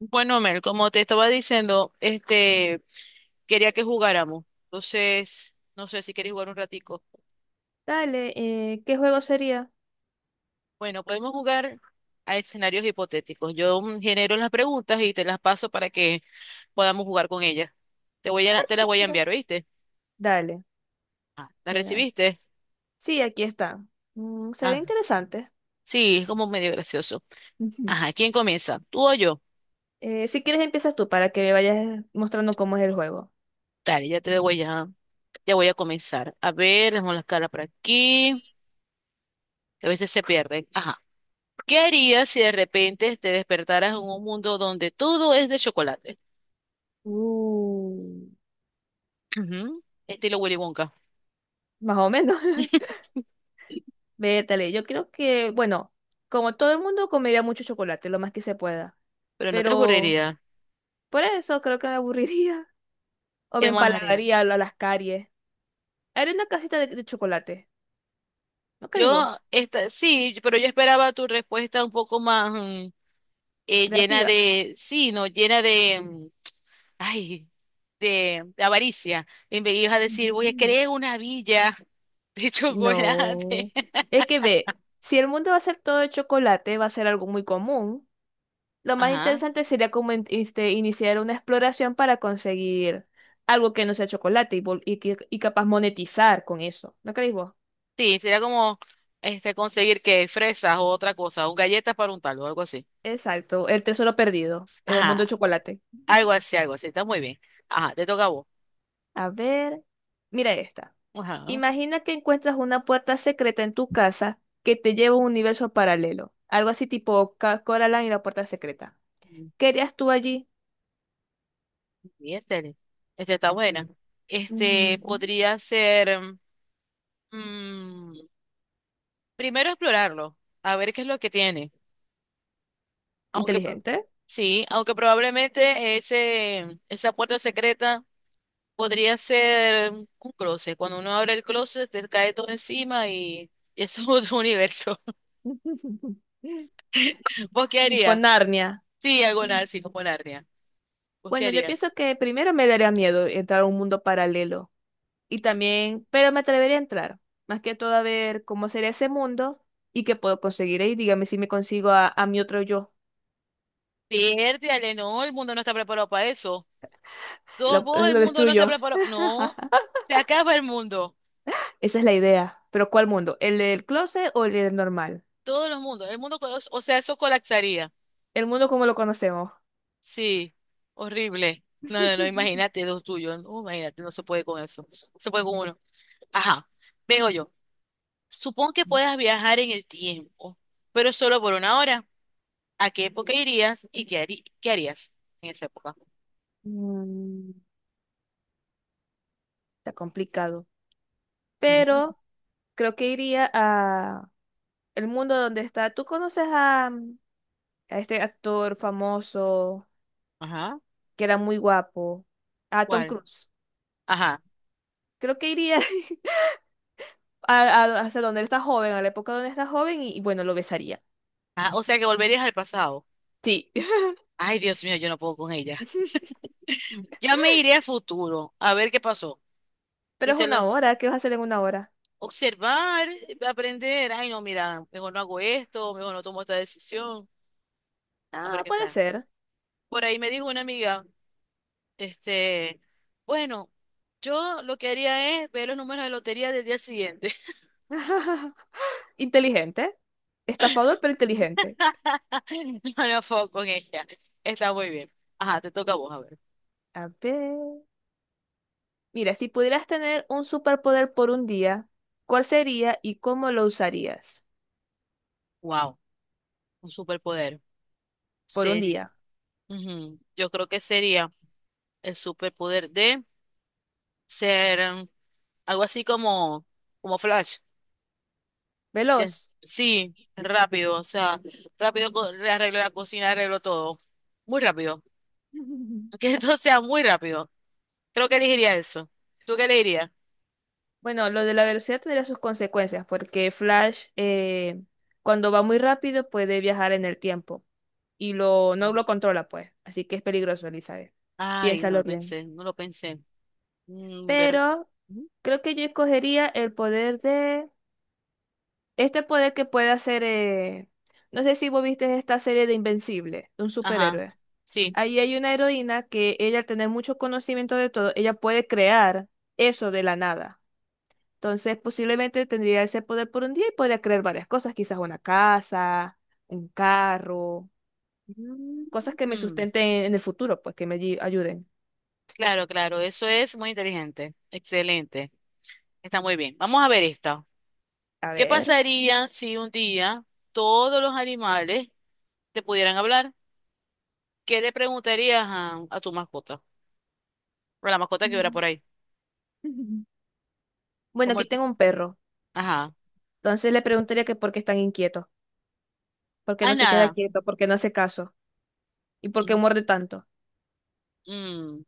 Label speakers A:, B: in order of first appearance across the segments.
A: Bueno, Mel, como te estaba diciendo, quería que jugáramos. Entonces, no sé si quieres jugar un ratico.
B: Dale, ¿qué juego sería?
A: Bueno, podemos jugar a escenarios hipotéticos. Yo genero las preguntas y te las paso para que podamos jugar con ellas.
B: Ah,
A: Te las voy a
B: chévere.
A: enviar, ¿oíste?
B: Dale,
A: Ah, ¿las
B: ya dale.
A: recibiste?
B: Sí, aquí está. Mm, se ve
A: Ah,
B: interesante.
A: sí, es como medio gracioso.
B: Ujú.
A: Ajá, ¿quién comienza? ¿Tú o yo?
B: Si quieres empiezas tú para que me vayas mostrando cómo es el juego.
A: Dale, ya voy a comenzar. A ver, dejemos las caras por aquí que a veces se pierden. Ajá. ¿Qué harías si de repente te despertaras en un mundo donde todo es de chocolate?
B: Uh,
A: Ujú, estilo Willy Wonka.
B: más o menos. Vétale, yo creo que, bueno, como todo el mundo comería mucho chocolate, lo más que se pueda.
A: Pero no te
B: Pero
A: aburriría.
B: por eso creo que me aburriría o me
A: ¿Qué más haría?
B: empalagaría a las caries. Haré una casita de chocolate. ¿No crees vos?
A: Sí, pero yo esperaba tu respuesta un poco más llena
B: Creativa.
A: de, sí, no, llena de, ay, de avaricia. Y me ibas a decir, voy a
B: Ujú.
A: crear una villa de chocolate.
B: No. Es que ve, si el mundo va a ser todo de chocolate, va a ser algo muy común. Lo más
A: Ajá.
B: interesante sería como iniciar una exploración para conseguir algo que no sea chocolate y, y capaz monetizar con eso. ¿No creéis vos?
A: Sí, sería como conseguir que fresas o otra cosa, o galletas para untarlo, algo así.
B: Exacto, el tesoro perdido en el mundo
A: Ajá.
B: de chocolate.
A: Algo así, algo así. Está muy bien. Ajá, te toca a vos.
B: A ver, mira esta.
A: Ajá.
B: Imagina que encuentras una puerta secreta en tu casa que te lleva a un universo paralelo. Algo así tipo Coraline y la puerta secreta. ¿Qué harías tú allí?
A: Miércoles. Esta está buena. Este
B: Ujú.
A: podría ser. mm, primero explorarlo, a ver qué es lo que tiene. Aunque pro-
B: Inteligente.
A: sí, aunque probablemente esa puerta secreta podría ser un closet. Cuando uno abre el closet, te cae todo encima y eso es otro universo. ¿Vos qué
B: Tipo
A: harías?
B: Narnia.
A: Sí, algo así como Narnia. ¿Vos qué
B: Bueno, yo
A: harías?
B: pienso que primero me daría miedo entrar a un mundo paralelo. Y también, pero me atrevería a entrar. Más que todo a ver cómo sería ese mundo y qué puedo conseguir ahí. Dígame si me consigo a mi otro yo.
A: Piérdale, no, el mundo no está preparado para eso. Todos
B: Lo,
A: vos, el
B: lo
A: mundo no está
B: destruyo.
A: preparado. No, se acaba el mundo.
B: Esa es la idea. Pero ¿cuál mundo? ¿El del closet o el del normal?
A: Todos los mundos. O sea, eso colapsaría.
B: El mundo como lo conocemos.
A: Sí, horrible. No, no, no, imagínate los tuyos. No, imagínate, no se puede con eso. No se puede con uno. Ajá, vengo yo. Supón que puedas viajar en el tiempo, pero solo por una hora. ¿A qué época irías y qué harías en esa época?
B: Mm, está complicado.
A: Ujú.
B: Pero creo que iría a, el mundo donde está. ¿Tú conoces a, a este actor famoso
A: Ajá.
B: que era muy guapo? A Tom
A: ¿Cuál?
B: Cruise.
A: Ajá.
B: Creo que iría hasta donde él está joven, a la época donde está joven, y bueno, lo besaría.
A: Ajá. O sea que volverías al pasado.
B: Sí.
A: Ay, Dios mío, yo no puedo con ella. Yo me iré al futuro a ver qué pasó.
B: Pero es
A: Dicen
B: una
A: lo
B: hora. ¿Qué vas a hacer en una hora?
A: observar, aprender. Ay, no, mira, mejor no hago esto, mejor no tomo esta decisión. A ver
B: Ah,
A: qué
B: puede
A: tal.
B: ser.
A: Por ahí me dijo una amiga, este, bueno, yo lo que haría es ver los números de lotería del día siguiente.
B: Inteligente. Estafador, pero inteligente.
A: No me enfoco con ella. Está muy bien. Ajá, te toca a vos, a ver.
B: A ver. Mira, si pudieras tener un superpoder por un día, ¿cuál sería y cómo lo usarías?
A: Wow, un superpoder.
B: Por un
A: Sería.
B: día.
A: Ujú, yo creo que sería el superpoder de ser, algo así como, como Flash. Ya-
B: Veloz.
A: Sí, rápido, o sea, le arreglo la cocina, arreglo todo. Muy rápido. Que esto sea muy rápido. Creo que elegiría eso. ¿Tú qué elegirías?
B: Bueno, lo de la velocidad tendría sus consecuencias, porque Flash, cuando va muy rápido, puede viajar en el tiempo y lo, no lo controla, pues. Así que es peligroso, Elizabeth.
A: Ay, no
B: Piénsalo
A: lo
B: bien.
A: pensé, no lo pensé. Mm, ver...
B: Pero
A: Ujú.
B: creo que yo escogería el poder de... Este poder que puede hacer... No sé si vos viste esta serie de Invencible, de un
A: Ajá,
B: superhéroe.
A: sí.
B: Ahí hay una heroína que ella, al tener mucho conocimiento de todo, ella puede crear eso de la nada. Entonces, posiblemente tendría ese poder por un día y podría crear varias cosas, quizás una casa, un carro, cosas que me
A: Ujú.
B: sustenten en el futuro, pues que me ayuden.
A: Claro, claro, eso es muy inteligente. Excelente. Está muy bien. Vamos a ver esta.
B: A
A: ¿Qué
B: ver.
A: pasaría si un día todos los animales te pudieran hablar? ¿Qué le preguntarías a tu mascota? Pero la mascota que hubiera
B: Mm.
A: por ahí.
B: Bueno,
A: Como
B: aquí
A: el...
B: tengo un perro.
A: Ajá.
B: Entonces le preguntaría que por qué es tan inquieto, por qué
A: Ay,
B: no se queda
A: nada.
B: quieto, por qué no hace caso y por qué
A: Sí.
B: muerde tanto.
A: Mm,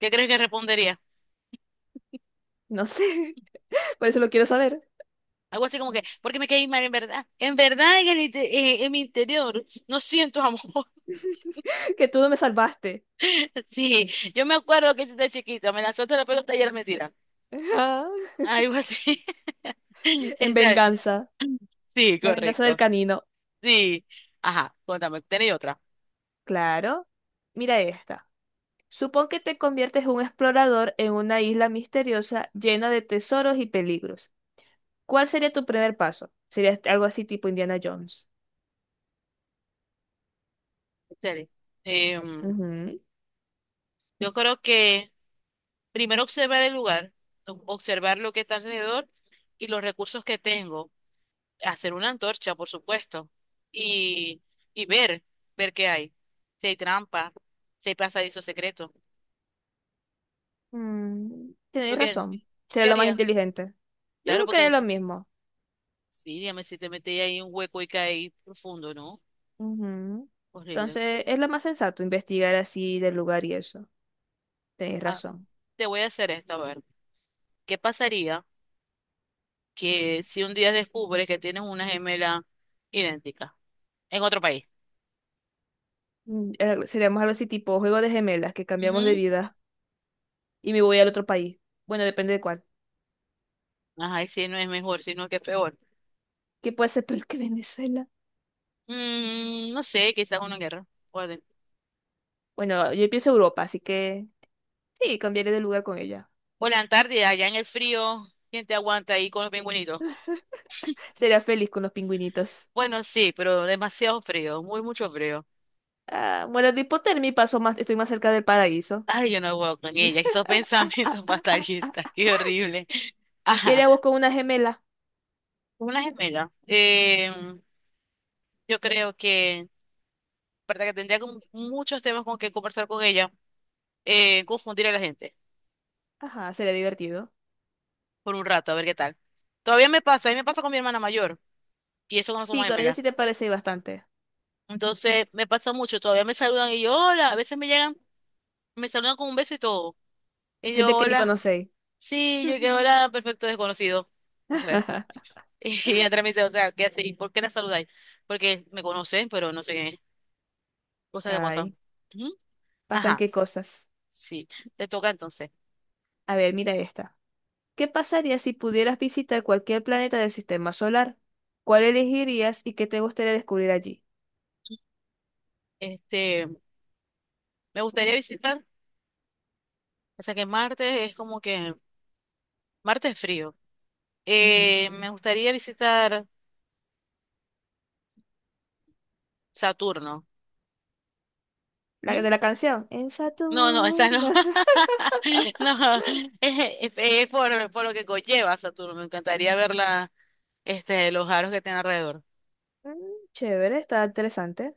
A: ¿qué crees que respondería?
B: No sé, por eso lo quiero saber,
A: Algo así como que porque me caí mal, en verdad. En verdad, en mi interior, no siento amor.
B: que tú no me salvaste.
A: Sí, yo me acuerdo que desde chiquita me lanzaste la pelota y era mentira. Algo así.
B: En
A: Está bien.
B: venganza,
A: Sí,
B: la venganza del
A: correcto.
B: canino.
A: Sí. Ajá, cuéntame, ¿tenéis otra?
B: Claro. Mira esta. Supón que te conviertes en un explorador en una isla misteriosa llena de tesoros y peligros. ¿Cuál sería tu primer paso? Sería algo así tipo Indiana Jones.
A: Excelente. Em,
B: Ujú.
A: yo creo que primero observar el lugar, observar lo que está alrededor y los recursos que tengo. Hacer una antorcha, por supuesto, y, y ver, ver qué hay. Si hay trampa, si hay pasadizo secreto.
B: Mm,
A: ¿Tú
B: tenéis
A: qué,
B: razón.
A: tú
B: Sería
A: qué
B: lo más
A: harías?
B: inteligente. Yo
A: Claro,
B: creo que es lo
A: porque
B: mismo.
A: sí, dígame si te metes ahí en un hueco y caes profundo, ¿no?
B: Ujú.
A: Horrible.
B: Entonces, es lo más sensato investigar así del lugar y eso. Tenéis
A: Ah,
B: razón.
A: te voy a hacer esta, a ver. ¿Qué pasaría que si un día descubres que tienes una gemela idéntica en otro país?
B: Seríamos algo así tipo juego de gemelas que cambiamos de
A: Ujú.
B: vida y me voy al otro país. Bueno, depende de cuál.
A: Ajá, y si no es mejor, sino que es peor.
B: ¿Qué puede ser peor que Venezuela?
A: Mm, no sé, quizás una guerra.
B: Bueno, yo pienso Europa, así que. Sí, cambiaré de lugar con ella.
A: O la Antártida, allá en el frío, ¿quién te aguanta ahí con los pingüinitos?
B: Sería feliz con los pingüinitos.
A: Bueno, sí, pero demasiado frío, muy mucho frío.
B: Ah, muero de hipotermia y paso más, estoy más cerca del paraíso.
A: Ay, yo no puedo con ella, que esos
B: Ah,
A: pensamientos
B: ah, ah.
A: fatalistas, qué horrible.
B: ¿Qué
A: Ajá,
B: haríamos con una gemela?
A: una gemela. Yo creo que, verdad que tendría como muchos temas con que conversar con ella, confundir a la gente
B: Ajá, sería divertido.
A: por un rato, a ver qué tal. Todavía me pasa, a mí me pasa con mi hermana mayor, y eso que no somos
B: Sí, con ella
A: gemelas.
B: sí te parece bastante.
A: Entonces, me pasa mucho, todavía me saludan y yo, hola, a veces me llegan, me saludan con un beso y todo. Y yo,
B: Gente que ni
A: hola.
B: conocéis.
A: Sí, yo que hola, perfecto desconocido. No sé. Y atrás me dice, otra ¿qué hace? ¿Y por qué la saludáis? Porque me conocen, pero no sé qué es. Cosa que pasa.
B: Ay,
A: Ujú.
B: pasan
A: Ajá,
B: qué cosas.
A: sí, te toca entonces.
B: A ver, mira esta. ¿Qué pasaría si pudieras visitar cualquier planeta del sistema solar? ¿Cuál elegirías y qué te gustaría descubrir allí?
A: Este, me gustaría visitar, o sea que Marte es como que, Marte es frío.
B: Ujú.
A: Me gustaría visitar Saturno.
B: La de
A: ¿Mm?
B: la canción. En
A: No, no, esa no.
B: Saturno.
A: No, es por lo que conlleva Saturno. Me encantaría ver la, los aros que tiene alrededor.
B: Mm, chévere, está interesante.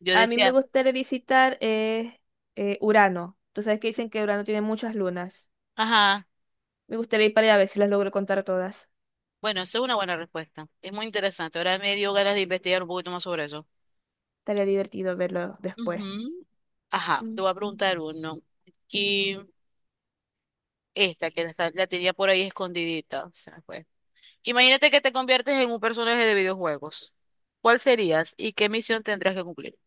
A: Yo
B: A mí me
A: decía.
B: gustaría visitar Urano. Tú sabes que dicen que Urano tiene muchas lunas.
A: Ajá.
B: Me gustaría ir para allá a ver si las logro contar todas.
A: Bueno, esa es una buena respuesta. Es muy interesante. Ahora me dio ganas de investigar un poquito más sobre eso.
B: Estaría divertido verlo después.
A: Ujú. Ajá,
B: Mm.
A: te voy a preguntar uno. Aquí, esta que la, está- la tenía por ahí escondidita. Se me fue. Imagínate que te conviertes en un personaje de videojuegos. ¿Cuál serías y qué misión tendrías que cumplir?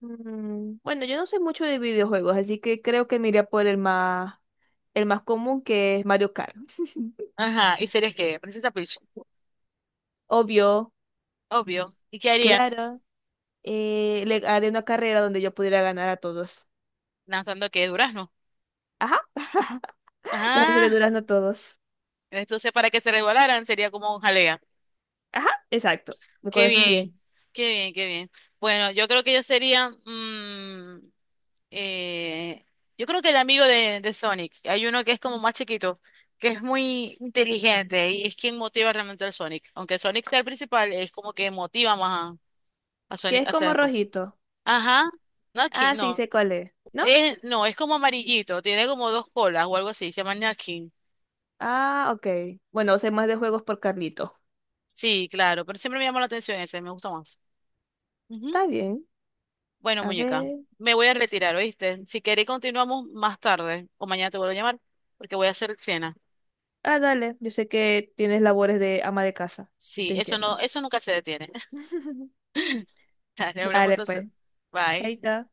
B: Mm, bueno, yo no soy mucho de videojuegos, así que creo que me iría por el más común, que es Mario Kart.
A: Ajá, ¿y serías qué? Princesa Peach.
B: Obvio,
A: Obvio. ¿Y qué harías?
B: claro. Le haré una carrera donde yo pudiera ganar a todos.
A: Lanzando que durazno.
B: Ajá, les haré
A: Ajá.
B: durazno a todos.
A: Entonces, para que se resbalaran, sería como un jalea.
B: Ajá, exacto. Me
A: Qué
B: conoces
A: bien,
B: bien.
A: qué bien, qué bien. Bueno, yo creo que yo sería, eh, yo creo que el amigo de Sonic, hay uno que es como más chiquito, que es muy inteligente y es quien motiva realmente al Sonic. Aunque Sonic sea el principal, es como que motiva más a
B: Que
A: Sonic
B: es
A: a hacer
B: como
A: las cosas.
B: rojito.
A: Ajá, Nutkin,
B: Ah, sí,
A: no,
B: sé cuál es. ¿No?
A: es, no, es como amarillito, tiene como dos colas o algo así, se llama Nutkin.
B: Ah, ok. Bueno, sé más de juegos por Carlito.
A: Sí, claro, pero siempre me llama la atención ese, me gusta más.
B: Está bien.
A: Bueno,
B: A
A: muñeca,
B: ver.
A: me voy a retirar, ¿oíste? Si queréis continuamos más tarde o mañana te vuelvo a llamar porque voy a hacer cena.
B: Ah, dale. Yo sé que tienes labores de ama de casa.
A: Sí,
B: Te
A: eso
B: entiendo.
A: no, eso nunca se detiene. Dale, hablamos
B: Dale,
A: entonces.
B: pues.
A: Bye.
B: Chaito.